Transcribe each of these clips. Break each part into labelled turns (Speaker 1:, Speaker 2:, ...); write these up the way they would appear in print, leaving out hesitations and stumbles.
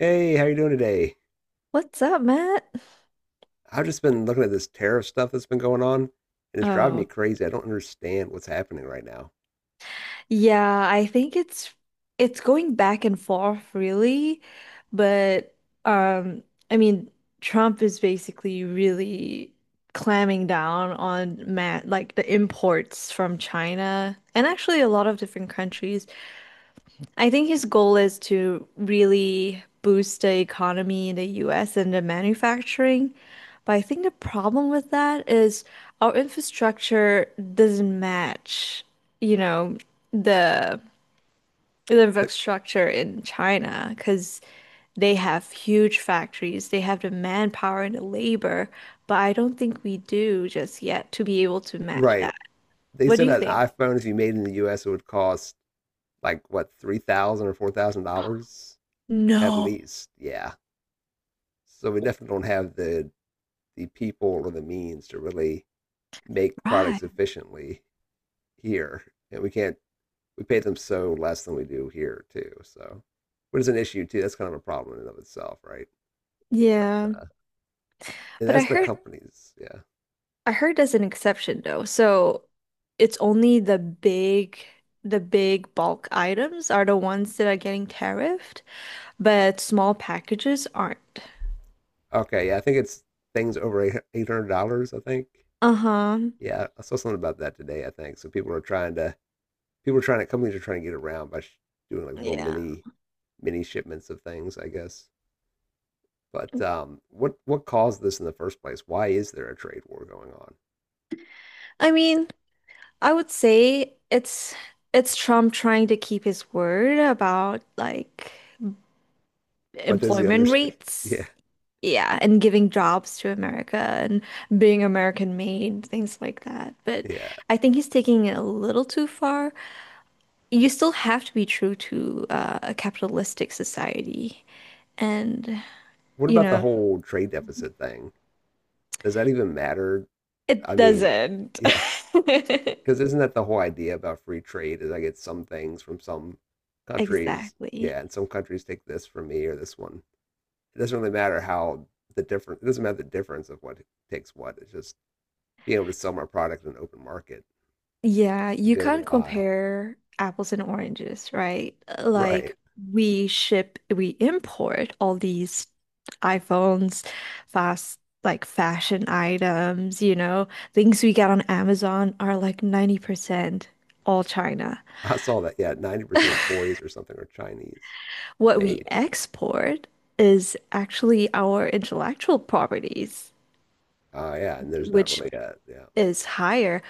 Speaker 1: Hey, how you doing today?
Speaker 2: What's up, Matt?
Speaker 1: I've just been looking at this tariff stuff that's been going on, and it's driving
Speaker 2: Oh,
Speaker 1: me crazy. I don't understand what's happening right now.
Speaker 2: yeah, I think it's going back and forth really, but um I mean, Trump is basically really clamming down on Matt like the imports from China and actually a lot of different countries. I think his goal is to really boost the economy in the US and the manufacturing. But I think the problem with that is our infrastructure doesn't match, you know, the the
Speaker 1: Like,
Speaker 2: infrastructure in China because they have huge factories, they have the manpower and the labor, but I don't think we do just yet to be able to match
Speaker 1: right.
Speaker 2: that.
Speaker 1: They
Speaker 2: What do
Speaker 1: said
Speaker 2: you
Speaker 1: that an
Speaker 2: think?
Speaker 1: iPhone, if you made in the US, it would cost like what, three thousand or four thousand dollars at
Speaker 2: No,
Speaker 1: least. Yeah. So we definitely don't have the people or the means to really make products
Speaker 2: right.
Speaker 1: efficiently here. And we can't we pay them so less than we do here too. So which is an issue too. That's kind of a problem in and of itself, right? But
Speaker 2: Yeah,
Speaker 1: and
Speaker 2: but I
Speaker 1: that's the
Speaker 2: heard
Speaker 1: companies. Yeah.
Speaker 2: I heard as an exception though. So it's only the big bulk items are the ones that are getting tariffed, but small packages aren't.
Speaker 1: Okay. Yeah, I think it's things over $800. I think.
Speaker 2: Uh-huh.
Speaker 1: Yeah, I saw something about that today. I think so. People are trying to companies are trying to get around by sh- doing like little
Speaker 2: Yeah.
Speaker 1: mini mini shipments of things. I guess. But what caused this in the first place? Why is there a trade war going on?
Speaker 2: I mean, I would say it's Trump trying to keep his word about like
Speaker 1: What does he
Speaker 2: employment
Speaker 1: understand?
Speaker 2: rates.
Speaker 1: Yeah,
Speaker 2: Yeah, and giving jobs to America and being American made, things like that. But
Speaker 1: yeah.
Speaker 2: I think he's taking it a little too far. You still have to be true to a capitalistic society. And,
Speaker 1: What
Speaker 2: you
Speaker 1: about the
Speaker 2: know,
Speaker 1: whole trade deficit thing? Does that even matter?
Speaker 2: it
Speaker 1: I mean,
Speaker 2: doesn't.
Speaker 1: yeah. Because isn't that the whole idea about free trade? Is I get some things from some countries, yeah,
Speaker 2: Exactly.
Speaker 1: and some countries take this from me or this one. It doesn't really matter how the difference. It doesn't matter the difference of what takes what. It's just being able to sell my product in an open market
Speaker 2: Yeah,
Speaker 1: and
Speaker 2: you
Speaker 1: being able to
Speaker 2: can't
Speaker 1: buy.
Speaker 2: compare apples and oranges, right?
Speaker 1: Right.
Speaker 2: Like we import all these iPhones, fast like fashion items, you know, things we get on Amazon are like 90% all China.
Speaker 1: I saw that. Yeah, 90% of toys or something are Chinese
Speaker 2: What we
Speaker 1: made.
Speaker 2: export is actually our intellectual properties,
Speaker 1: Yeah, and there's not
Speaker 2: which
Speaker 1: really a yeah.
Speaker 2: is higher.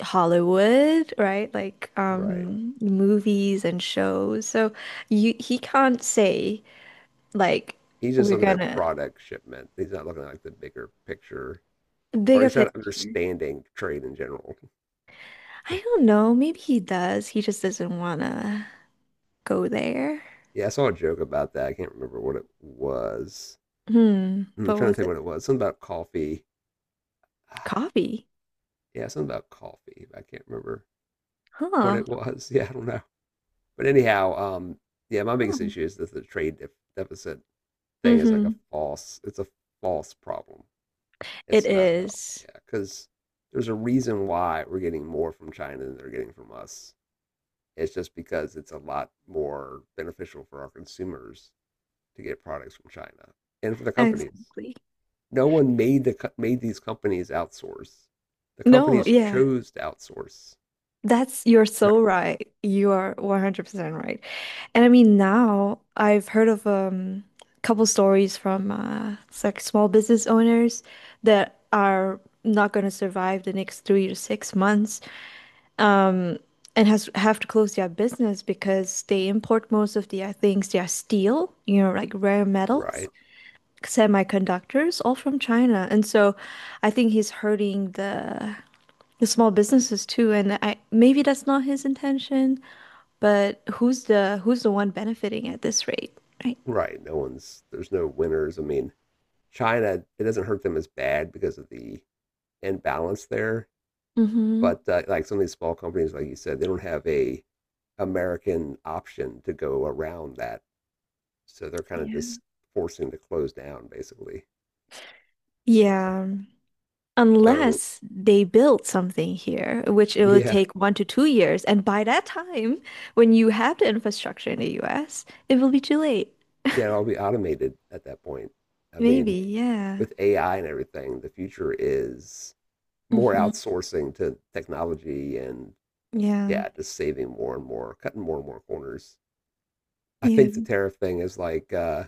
Speaker 2: Hollywood, right? Like
Speaker 1: Right.
Speaker 2: movies and shows. So you he can't say like
Speaker 1: He's just
Speaker 2: we're
Speaker 1: looking at
Speaker 2: gonna
Speaker 1: product shipment. He's not looking at like the bigger picture, or
Speaker 2: bigger
Speaker 1: he's not
Speaker 2: picture.
Speaker 1: understanding trade in general.
Speaker 2: I don't know. Maybe he does. He just doesn't wanna go there.
Speaker 1: Yeah, I saw a joke about that. I can't remember what it was.
Speaker 2: Hmm.
Speaker 1: I'm
Speaker 2: But
Speaker 1: trying to
Speaker 2: was
Speaker 1: think
Speaker 2: it
Speaker 1: what it was. Something about coffee.
Speaker 2: coffee?
Speaker 1: Yeah, something about coffee. I can't remember what
Speaker 2: Huh.
Speaker 1: it was. Yeah, I don't know. But anyhow, yeah, my biggest
Speaker 2: Hmm.
Speaker 1: issue is that the deficit thing is like a
Speaker 2: Mm-hmm.
Speaker 1: false. It's a false problem.
Speaker 2: It
Speaker 1: It's not a problem.
Speaker 2: is.
Speaker 1: Yeah, because there's a reason why we're getting more from China than they're getting from us. It's just because it's a lot more beneficial for our consumers to get products from China and for the companies.
Speaker 2: Exactly.
Speaker 1: No one made these companies outsource. The
Speaker 2: No,
Speaker 1: companies
Speaker 2: yeah.
Speaker 1: chose to outsource.
Speaker 2: That's you're so
Speaker 1: Right.
Speaker 2: right. You are 100% right. And I mean now I've heard of couple stories from it's like small business owners that are not going to survive the next 3 to 6 months, um and has have to close their business because they import most of their things, their steel, you know, like rare metals,
Speaker 1: Right.
Speaker 2: semiconductors all from China. And so I think he's hurting the small businesses too, and I maybe that's not his intention, but who's the one benefiting at this rate, right?
Speaker 1: Right. No one's there's no winners. I mean, China it doesn't hurt them as bad because of the imbalance there.
Speaker 2: Mm-hmm.
Speaker 1: But like some of these small companies, like you said, they don't have a American option to go around that, so they're kind of
Speaker 2: Yeah.
Speaker 1: just forcing to close down basically. So
Speaker 2: Yeah,
Speaker 1: so
Speaker 2: unless they build something here, which it will
Speaker 1: yeah
Speaker 2: take 1 to 2 years, and by that time, when you have the infrastructure in the US, it will be too late.
Speaker 1: yeah, it'll be automated at that point. I
Speaker 2: Maybe,
Speaker 1: mean,
Speaker 2: yeah.
Speaker 1: with AI and everything, the future is more
Speaker 2: Hmm.
Speaker 1: outsourcing to technology and
Speaker 2: Yeah.
Speaker 1: yeah, just saving more and more, cutting more and more corners. I
Speaker 2: Yeah.
Speaker 1: think the tariff thing is like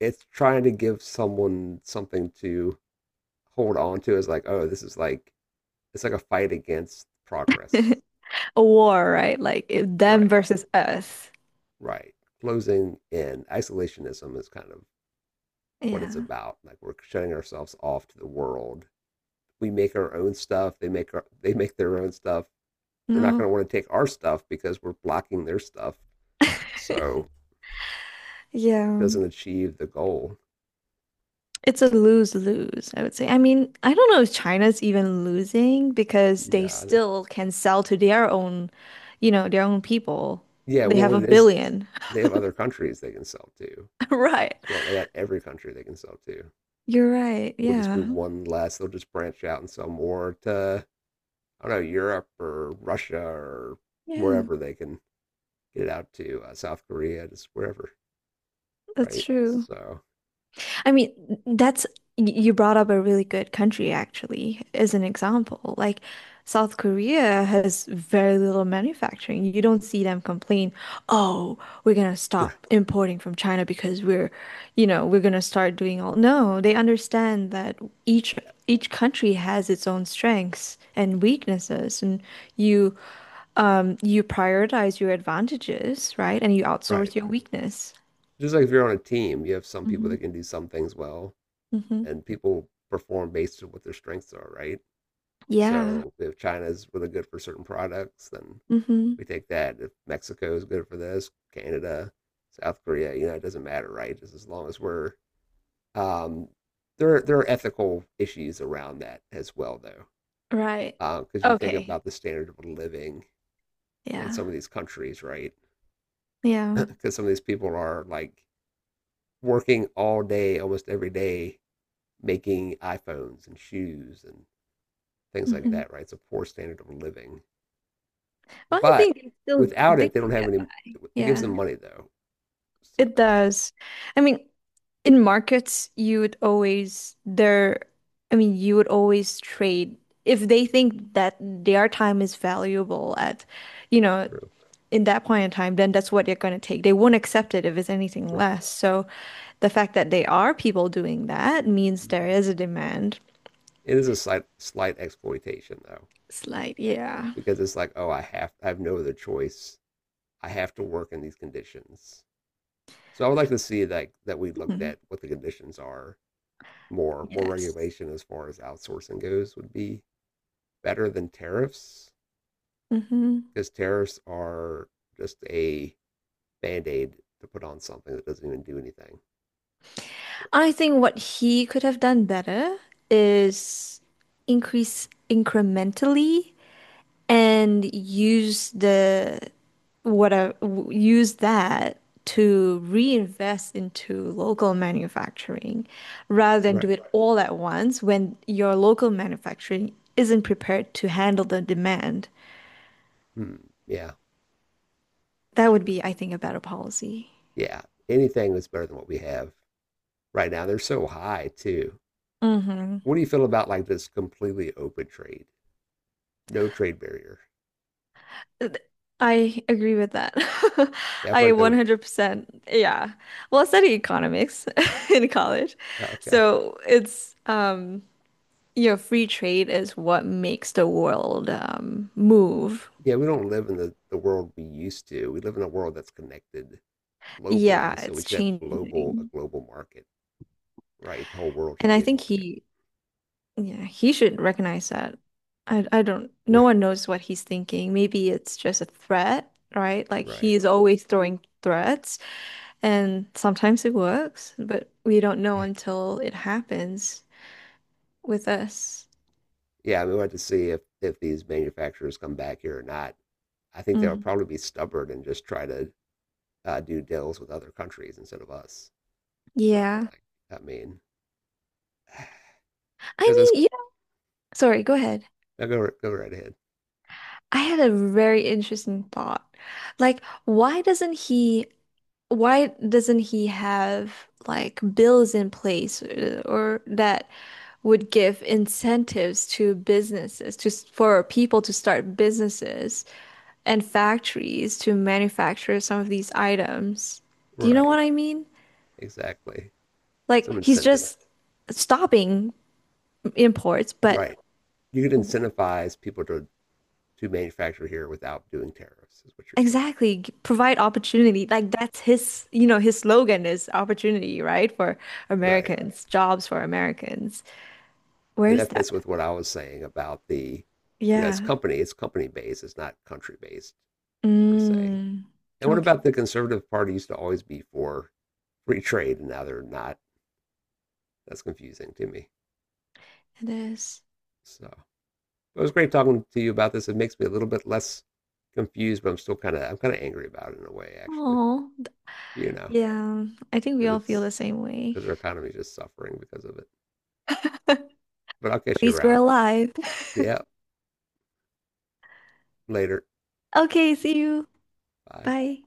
Speaker 1: it's trying to give someone something to hold on to as like, oh, this is like it's like a fight against progress.
Speaker 2: A war, right? Like it- them
Speaker 1: Right.
Speaker 2: versus us.
Speaker 1: Right. Closing in isolationism is kind of what it's
Speaker 2: Yeah.
Speaker 1: about. Like we're shutting ourselves off to the world. We make our own stuff. They make their own stuff. They're not going to
Speaker 2: No.
Speaker 1: want to take our stuff because we're blocking their stuff. So it
Speaker 2: Yeah.
Speaker 1: doesn't achieve the goal.
Speaker 2: It's a lose-lose, I would say. I mean, I don't know if China's even losing because they
Speaker 1: No.
Speaker 2: still can sell to their own, you know, their own people.
Speaker 1: Yeah,
Speaker 2: They
Speaker 1: well,
Speaker 2: have a
Speaker 1: it is,
Speaker 2: billion.
Speaker 1: they have other countries they can sell to.
Speaker 2: Right.
Speaker 1: Well, they got every country they can sell to.
Speaker 2: You're right.
Speaker 1: We'll just be
Speaker 2: Yeah.
Speaker 1: one less. They'll just branch out and sell more to, I don't know, Europe or Russia or
Speaker 2: Yeah,
Speaker 1: wherever they can get it out to, South Korea, just wherever,
Speaker 2: that's
Speaker 1: right?
Speaker 2: true.
Speaker 1: So,
Speaker 2: I mean, that's you brought up a really good country actually as an example. Like South Korea has very little manufacturing. You don't see them complain, "Oh, we're gonna stop importing from China because we're, you know, we're gonna start doing all." No, they understand that each each country has its own strengths and weaknesses, and you you prioritize your advantages, right? And you
Speaker 1: right.
Speaker 2: outsource your weakness.
Speaker 1: Just like if you're on a team, you have some people
Speaker 2: Mhm.
Speaker 1: that can do some things well,
Speaker 2: Hmm.
Speaker 1: and people perform based on what their strengths are, right?
Speaker 2: Yeah.
Speaker 1: So if China's really good for certain products, then
Speaker 2: Hmm.
Speaker 1: we take that. If Mexico is good for this, Canada, South Korea, you know, it doesn't matter, right? Just as long as um, there are ethical issues around that as well, though,
Speaker 2: Right.
Speaker 1: because you think
Speaker 2: Okay.
Speaker 1: about the standard of living in
Speaker 2: Yeah.
Speaker 1: some of these countries, right?
Speaker 2: Yeah.
Speaker 1: Because some of these people are like working all day, almost every day, making iPhones and shoes and things
Speaker 2: Yes.
Speaker 1: like
Speaker 2: Hmm.
Speaker 1: that, right? It's a poor standard of living.
Speaker 2: Well, I
Speaker 1: But
Speaker 2: think it's still
Speaker 1: without
Speaker 2: they
Speaker 1: it, they don't
Speaker 2: still
Speaker 1: have
Speaker 2: get
Speaker 1: any.
Speaker 2: that.
Speaker 1: It gives them
Speaker 2: Yeah,
Speaker 1: money though. So
Speaker 2: it
Speaker 1: that's
Speaker 2: does. I mean, in markets, you would always there. I mean, you would always trade if they think that their time is valuable at, you know,
Speaker 1: true,
Speaker 2: in that point in time. Then that's what they're going to take. They won't accept it if it's anything
Speaker 1: right?
Speaker 2: less. So the fact that they are people doing that means
Speaker 1: Mhm.
Speaker 2: there is a demand.
Speaker 1: It is a slight exploitation though,
Speaker 2: It's like, yeah.
Speaker 1: because it's like, oh, I have no other choice. I have to work in these conditions. So I would like to see that we looked
Speaker 2: Hmm.
Speaker 1: at what the conditions are more
Speaker 2: Yes.
Speaker 1: regulation as far as outsourcing goes would be better than tariffs
Speaker 2: Mm-hmm.
Speaker 1: because tariffs are just a band aid to put on something that doesn't even do anything. Right.
Speaker 2: I think what he could have done better is increase incrementally and use the what a, w- use that to reinvest into local manufacturing rather than do
Speaker 1: Right.
Speaker 2: it all at once when your local manufacturing isn't prepared to handle the demand.
Speaker 1: Hmm. Yeah, that's
Speaker 2: That would
Speaker 1: true.
Speaker 2: be, I think, a better policy.
Speaker 1: Yeah, anything that's better than what we have right now. They're so high too.
Speaker 2: Hmm.
Speaker 1: What do you feel about like this completely open trade, no trade barrier?
Speaker 2: Th- I agree with that.
Speaker 1: Yeah, I feel
Speaker 2: I
Speaker 1: like that would.
Speaker 2: 100%. Yeah. Well, I studied economics in college.
Speaker 1: Oh, Okay.
Speaker 2: So it's, you know, free trade is what makes the world, move.
Speaker 1: Yeah, we don't live in the world we used to. We live in a world that's connected
Speaker 2: Yeah,
Speaker 1: globally, so we
Speaker 2: it's
Speaker 1: should have global a
Speaker 2: changing.
Speaker 1: global market, right? The whole world
Speaker 2: And
Speaker 1: should
Speaker 2: I
Speaker 1: be a
Speaker 2: think
Speaker 1: market,
Speaker 2: he, yeah, he should recognize that. I don't, no one knows what he's thinking. Maybe it's just a threat, right? Like
Speaker 1: right? Right.
Speaker 2: he's always throwing threats. And sometimes it works, but we don't know until it happens with us.
Speaker 1: Yeah, I mean, we'll have to see if these manufacturers come back here or not. I think they'll
Speaker 2: Mhm.
Speaker 1: probably be stubborn and just try to do deals with other countries instead of us. That's what I felt
Speaker 2: Yeah.
Speaker 1: like. I mean,
Speaker 2: I
Speaker 1: because it's
Speaker 2: mean, yeah. Sorry, go ahead.
Speaker 1: now go right ahead.
Speaker 2: I had a very interesting thought. Like, why doesn't he have like bills in place or that would give incentives to businesses to for people to start businesses and factories to manufacture some of these items? Do you know
Speaker 1: Right,
Speaker 2: what I mean?
Speaker 1: exactly.
Speaker 2: Like
Speaker 1: Some
Speaker 2: he's
Speaker 1: incentive.
Speaker 2: just stopping imports, but
Speaker 1: Right, you could incentivize people to manufacture here without doing tariffs. Is what you're saying.
Speaker 2: exactly provide opportunity. Like that's his, you know, his slogan is opportunity, right? For
Speaker 1: Right,
Speaker 2: Americans, jobs for Americans. Where
Speaker 1: and
Speaker 2: is
Speaker 1: that
Speaker 2: that?
Speaker 1: fits with what I was saying about the, you know, it's
Speaker 2: Yeah.
Speaker 1: company based, it's not country based per se.
Speaker 2: Mm.
Speaker 1: And what
Speaker 2: Okay,
Speaker 1: about the conservative party used to always be for free trade, and now they're not? That's confusing to me.
Speaker 2: it is.
Speaker 1: So it was great talking to you about this. It makes me a little bit less confused, but I'm still I'm kind of angry about it in a way, actually.
Speaker 2: Oh,
Speaker 1: You know,
Speaker 2: yeah. I think we
Speaker 1: because
Speaker 2: all feel the
Speaker 1: it's
Speaker 2: same way.
Speaker 1: because our economy is just suffering because of it.
Speaker 2: At
Speaker 1: But I'll catch you
Speaker 2: least we're
Speaker 1: around.
Speaker 2: alive.
Speaker 1: Yeah, later.
Speaker 2: Okay, see you.
Speaker 1: Bye.
Speaker 2: Bye.